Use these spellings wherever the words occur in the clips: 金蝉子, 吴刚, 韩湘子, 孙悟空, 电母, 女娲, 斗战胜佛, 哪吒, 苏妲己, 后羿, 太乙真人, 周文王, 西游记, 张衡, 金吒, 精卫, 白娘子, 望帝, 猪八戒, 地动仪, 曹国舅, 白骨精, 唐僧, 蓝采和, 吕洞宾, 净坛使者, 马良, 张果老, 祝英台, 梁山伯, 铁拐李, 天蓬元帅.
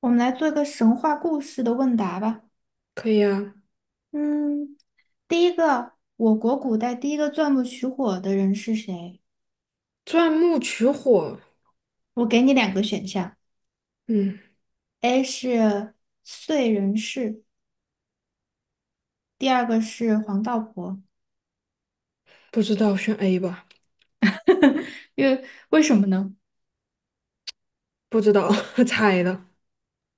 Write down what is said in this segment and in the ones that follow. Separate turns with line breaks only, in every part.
我们来做一个神话故事的问答吧。
可以啊。
嗯，第一个，我国古代第一个钻木取火的人是谁？
钻木取火。
我给你两个选项
嗯，
，A 是燧人氏，第二个是黄道婆。
不知道选 A 吧。
为什么呢？
不知道 猜的。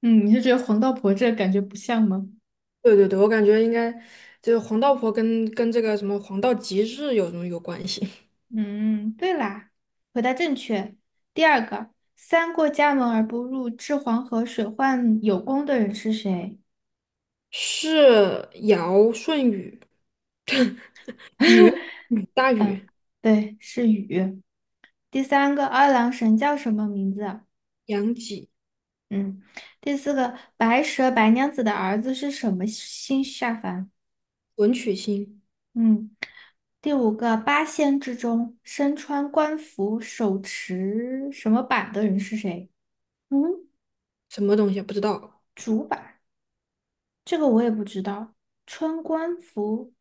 嗯，你是觉得黄道婆这个感觉不像吗？
对对对，我感觉应该就是黄道婆跟这个什么黄道吉日有什么有关系？
嗯，对啦，回答正确。第二个，三过家门而不入，治黄河水患有功的人是谁？
是尧舜禹。禹大禹。
嗯，对，是禹。第三个，二郎神叫什么名字啊？
杨己。
嗯，第四个，白蛇白娘子的儿子是什么星下凡？
文曲星。
嗯，第五个，八仙之中身穿官服、手持什么板的人是谁？嗯，
什么东西啊不知道。
这个我也不知道。穿官服，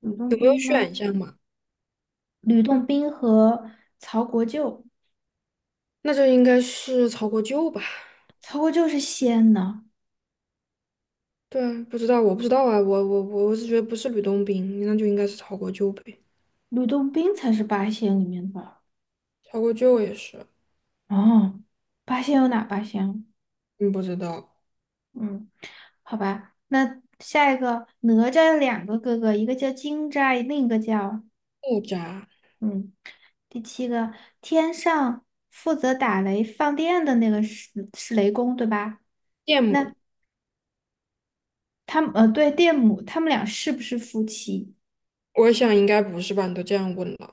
吕洞
有没有
宾吗？
选项嘛？
吕洞宾和曹国舅，
那就应该是曹国舅吧？
曹国舅是仙呢，
对啊，不知道，我不知道啊，我是觉得不是吕洞宾，那就应该是曹国舅呗。
吕洞宾才是八仙里面的。
曹国舅也是。
哦，八仙有哪八仙啊？
嗯，不知道。
嗯，好吧，那下一个哪吒有两个哥哥，一个叫金吒，另一个叫。
木渣。
嗯，第七个天上负责打雷放电的那个是雷公对吧？
羡慕。
那他们对，电母，他们俩是不是夫妻？
我想应该不是吧？你都这样问了。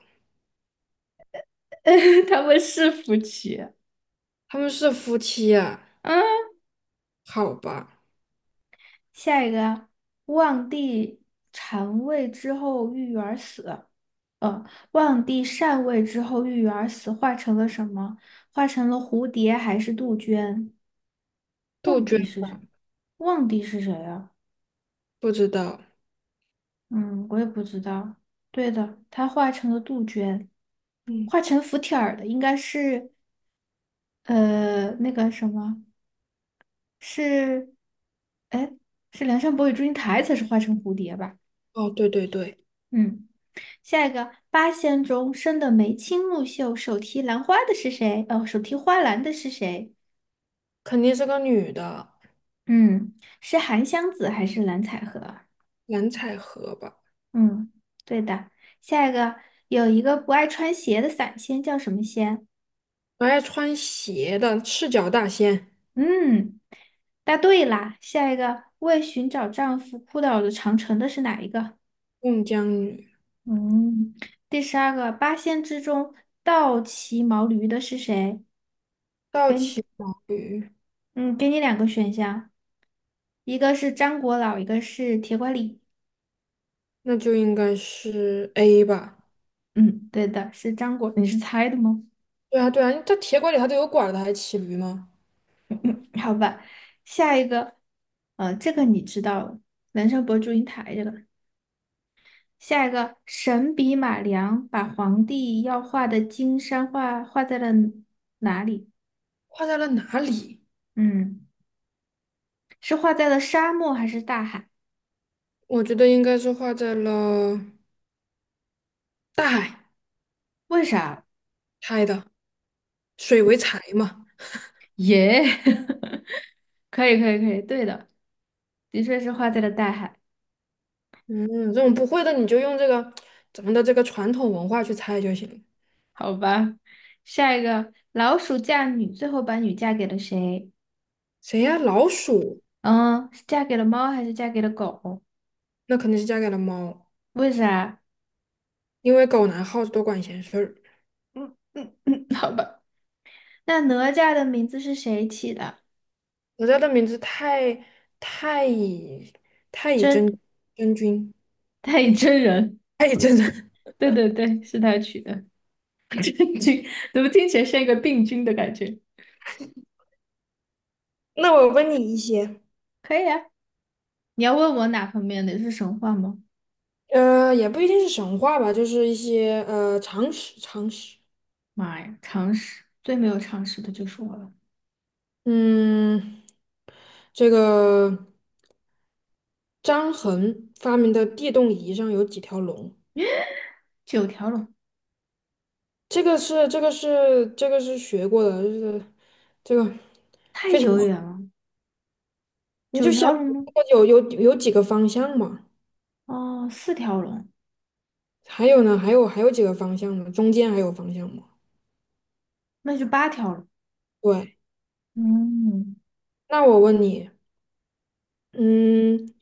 他们是夫妻。
他们是夫妻啊？
嗯，
好吧。
下一个望帝禅位之后郁而死，呃，望帝禅位之后，郁郁而死化成了什么？化成了蝴蝶还是杜鹃？
杜
望
鹃。
帝是谁？望帝是谁啊？
不知道。
嗯，我也不知道。对的，他化成了杜鹃，
嗯。
化成福帖儿的应该是那个什么。是，哎，是梁山伯与祝英台才是化成蝴蝶吧？
哦，对对对。
嗯，下一个八仙中生的眉清目秀，手提兰花的是谁？哦，手提花篮的是谁？
肯定是个女的。
嗯，是韩湘子还是蓝采和啊？
蓝采和吧？
嗯，对的。下一个，有一个不爱穿鞋的散仙叫什么仙？
还穿鞋的赤脚大仙。
嗯，答对啦。下一个，为寻找丈夫哭倒了长城的是哪一个？
孟姜女。
嗯，第12个八仙之中倒骑毛驴的是谁？
倒骑毛驴。
嗯，给你两个选项，一个是张果老，一个是铁拐李。
那就应该是 A 吧？
嗯，对的，是张果。你是猜的吗？
对啊对啊，他铁拐李他都有拐了，他还骑驴吗？
好吧，下一个，这个你知道了，人生博祝英台这个。下一个，神笔马良把皇帝要画的金山画画在了，
画在了哪里？
嗯，是画在了沙漠还是大海？
我觉得应该是画在了大海。
为啥？
猜的。水为财嘛。
耶、可以可以可以，对的，的确是画在了大海。
嗯，这种不会的你就用这个咱们的这个传统文化去猜就行。
好吧，下一个，老鼠嫁女，最后把女嫁给了谁？
谁呀？老鼠。
嗯，是嫁给了猫还是嫁给了狗？
那肯定是嫁给了猫。
为啥？
因为狗拿耗子多管闲事儿。
嗯嗯嗯，嗯，好吧。那哪吒的名字是谁起的？
我家的名字太太乙太乙
真，
真真君。
太乙真人。
太乙真人。
对对对，是他取的。真君，怎么听起来像一个病菌的感觉？
那我问你一些。
可以啊。你要问我哪方面的是神话吗？
也不一定是神话吧，就是一些常识。
妈呀，常识，最没有常识的就是我了。
嗯，这个张衡发明的地动仪上有几条龙？
九条龙，
这个是学过的，就是这个
太
非常，
久远了，
你
九
就想
条龙吗？
有几个方向嘛？
哦，4条龙，
还有呢？还有几个方向嘛？中间还有方向吗？
那就8条龙。
对。
嗯，
那我问你。嗯，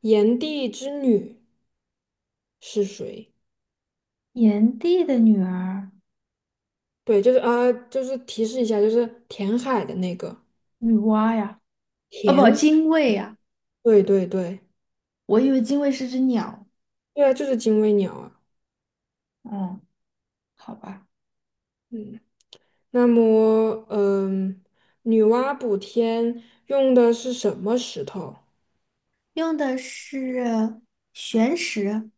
炎帝之女是谁？
炎帝的女儿，
对，就是提示一下，就是填海的那个
女娲呀，哦不，
填。
精卫呀，
对对对。
我以为精卫是只鸟。
对啊，就是精卫鸟啊。
嗯，好吧，
嗯，那么嗯。女娲补天用的是什么石头？
用的是玄石，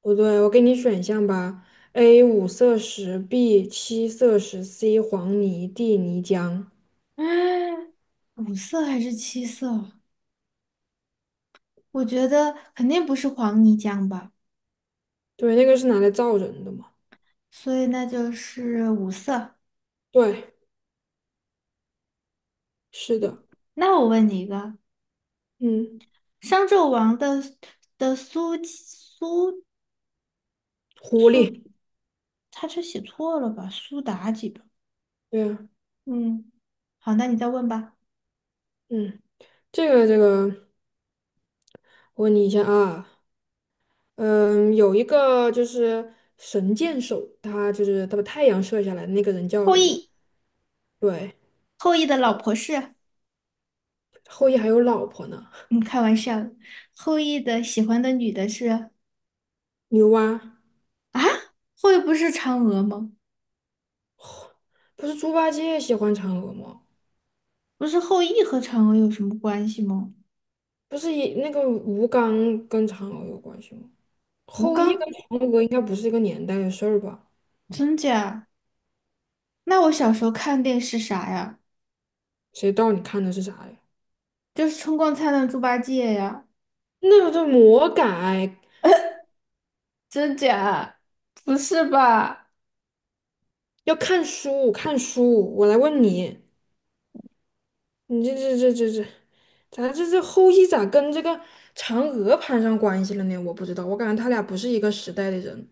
不对，我给你选项吧：A 五色石，B 七色石，C 黄泥，D 泥浆。
嗯，五色还是七色？我觉得肯定不是黄泥浆吧，
对，那个是拿来造人的嘛？
所以那就是五色。
对，是的。
那我问你一个，
嗯，
商纣王的苏苏
狐
苏，
狸。
他这写错了吧？苏妲己吧？
对呀。
嗯，好，那你再问吧。
嗯，这个，我问你一下啊。嗯，有一个就是神箭手，他就是他把太阳射下来的那个人叫
后
什么？
羿，
对。
后羿的老婆是？
后羿还有老婆呢？
嗯，开玩笑的。后羿的喜欢的女的是啊？
牛蛙。
后羿不是嫦娥吗？
不是猪八戒喜欢嫦娥吗？
不是后羿和嫦娥有什么关系吗？
不是也那个吴刚跟嫦娥有关系吗？
吴
后羿
刚，
跟嫦娥应该不是一个年代的事儿吧？
真假？那我小时候看电视啥呀？
谁知道你看的是啥呀？
就是《春光灿烂猪八戒》呀，
那个叫魔改。
真假？不是吧？
要看书，看书。我来问你。你这，咱这后羿咋跟这个嫦娥攀上关系了呢？我不知道，我感觉他俩不是一个时代的人。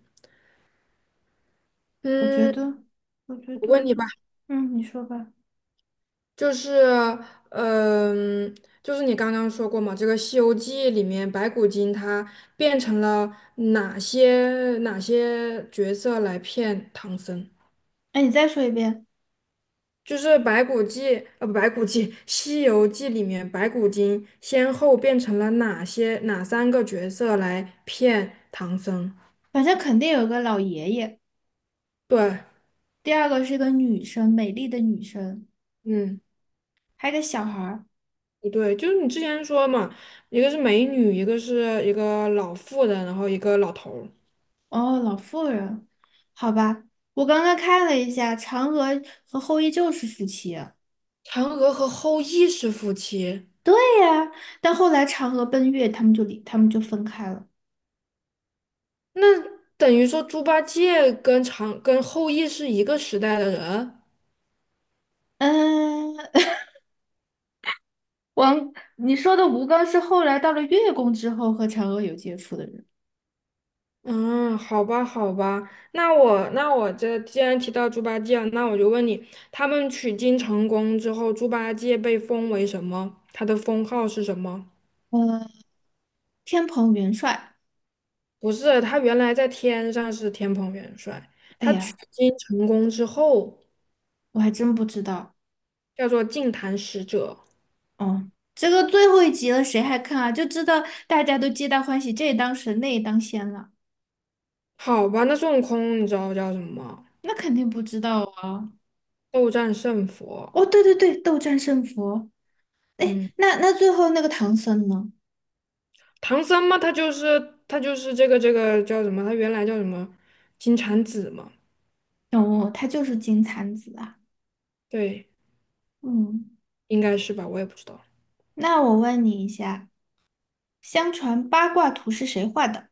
我觉
嗯，
得，我觉
我
得，
问你吧。
嗯，你说吧。
就是，嗯、就是你刚刚说过嘛，这个《西游记》里面白骨精她变成了哪些角色来骗唐僧？
哎，你再说一遍。
就是白骨记，不白骨记，《西游记》里面白骨精先后变成了哪些哪三个角色来骗唐僧？
反正肯定有个老爷爷，
对。
第二个是个女生，美丽的女生，
嗯。
还有个小孩儿。
不对，就是你之前说嘛，一个是美女，一个是一个老妇人，然后一个老头儿。
哦，老妇人，好吧。我刚刚看了一下，嫦娥和后羿就是夫妻。
嫦娥和后羿是夫妻。
啊！但后来嫦娥奔月，他们就离，他们就分开了。
那等于说猪八戒跟后羿是一个时代的人。
嗯，你说的吴刚是后来到了月宫之后和嫦娥有接触的人。
嗯，好吧，好吧。那我这既然提到猪八戒了，那我就问你，他们取经成功之后，猪八戒被封为什么？他的封号是什么？
呃，天蓬元帅，
不是，他原来在天上是天蓬元帅，
哎
他取
呀，
经成功之后
我还真不知道。
叫做净坛使者。
哦，这个最后一集了，谁还看啊？就知道大家都皆大欢喜，这也当神，那也当仙了，
好吧，那孙悟空你知道叫什么？
那肯定不知道啊。
斗战胜佛。
哦，对对对，斗战胜佛。哎，
嗯，
那最后那个唐僧呢？
唐僧嘛，他就是这个叫什么？他原来叫什么？金蝉子嘛。
哦，他就是金蝉子啊。
对。
嗯，
应该是吧，我也不知道。
那我问你一下。相传八卦图是谁画的？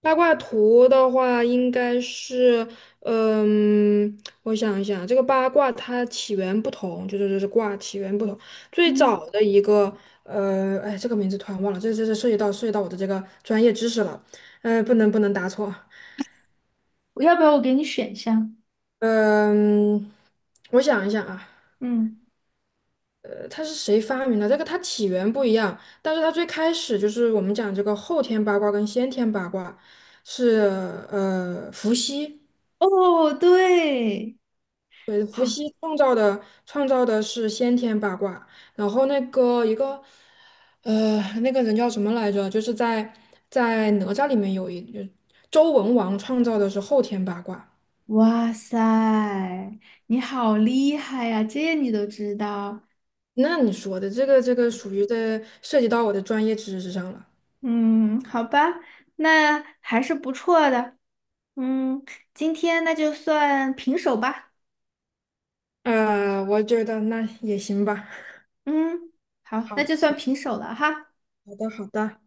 八卦图的话，应该是。嗯，我想一想，这个八卦它起源不同，就是卦起源不同。最
嗯，
早的一个，哎，这个名字突然忘了，这涉及到我的这个专业知识了。不能答错。
我要不要我给你选项？
嗯，我想一想啊。
嗯，
它是谁发明的？这个它起源不一样，但是它最开始就是我们讲这个后天八卦跟先天八卦是伏羲。
哦，对，
对，
好，
伏羲创造的是先天八卦，然后那个一个，那个人叫什么来着？就是在哪吒里面就周文王创造的是后天八卦。
哇塞，你好厉害呀，这你都知道。
那你说的这个属于的涉及到我的专业知识上了。
嗯，好吧，那还是不错的。嗯，今天那就算平手吧。
我觉得那也行吧。
嗯，好，那
好，
就算平手了哈。
好的，好的。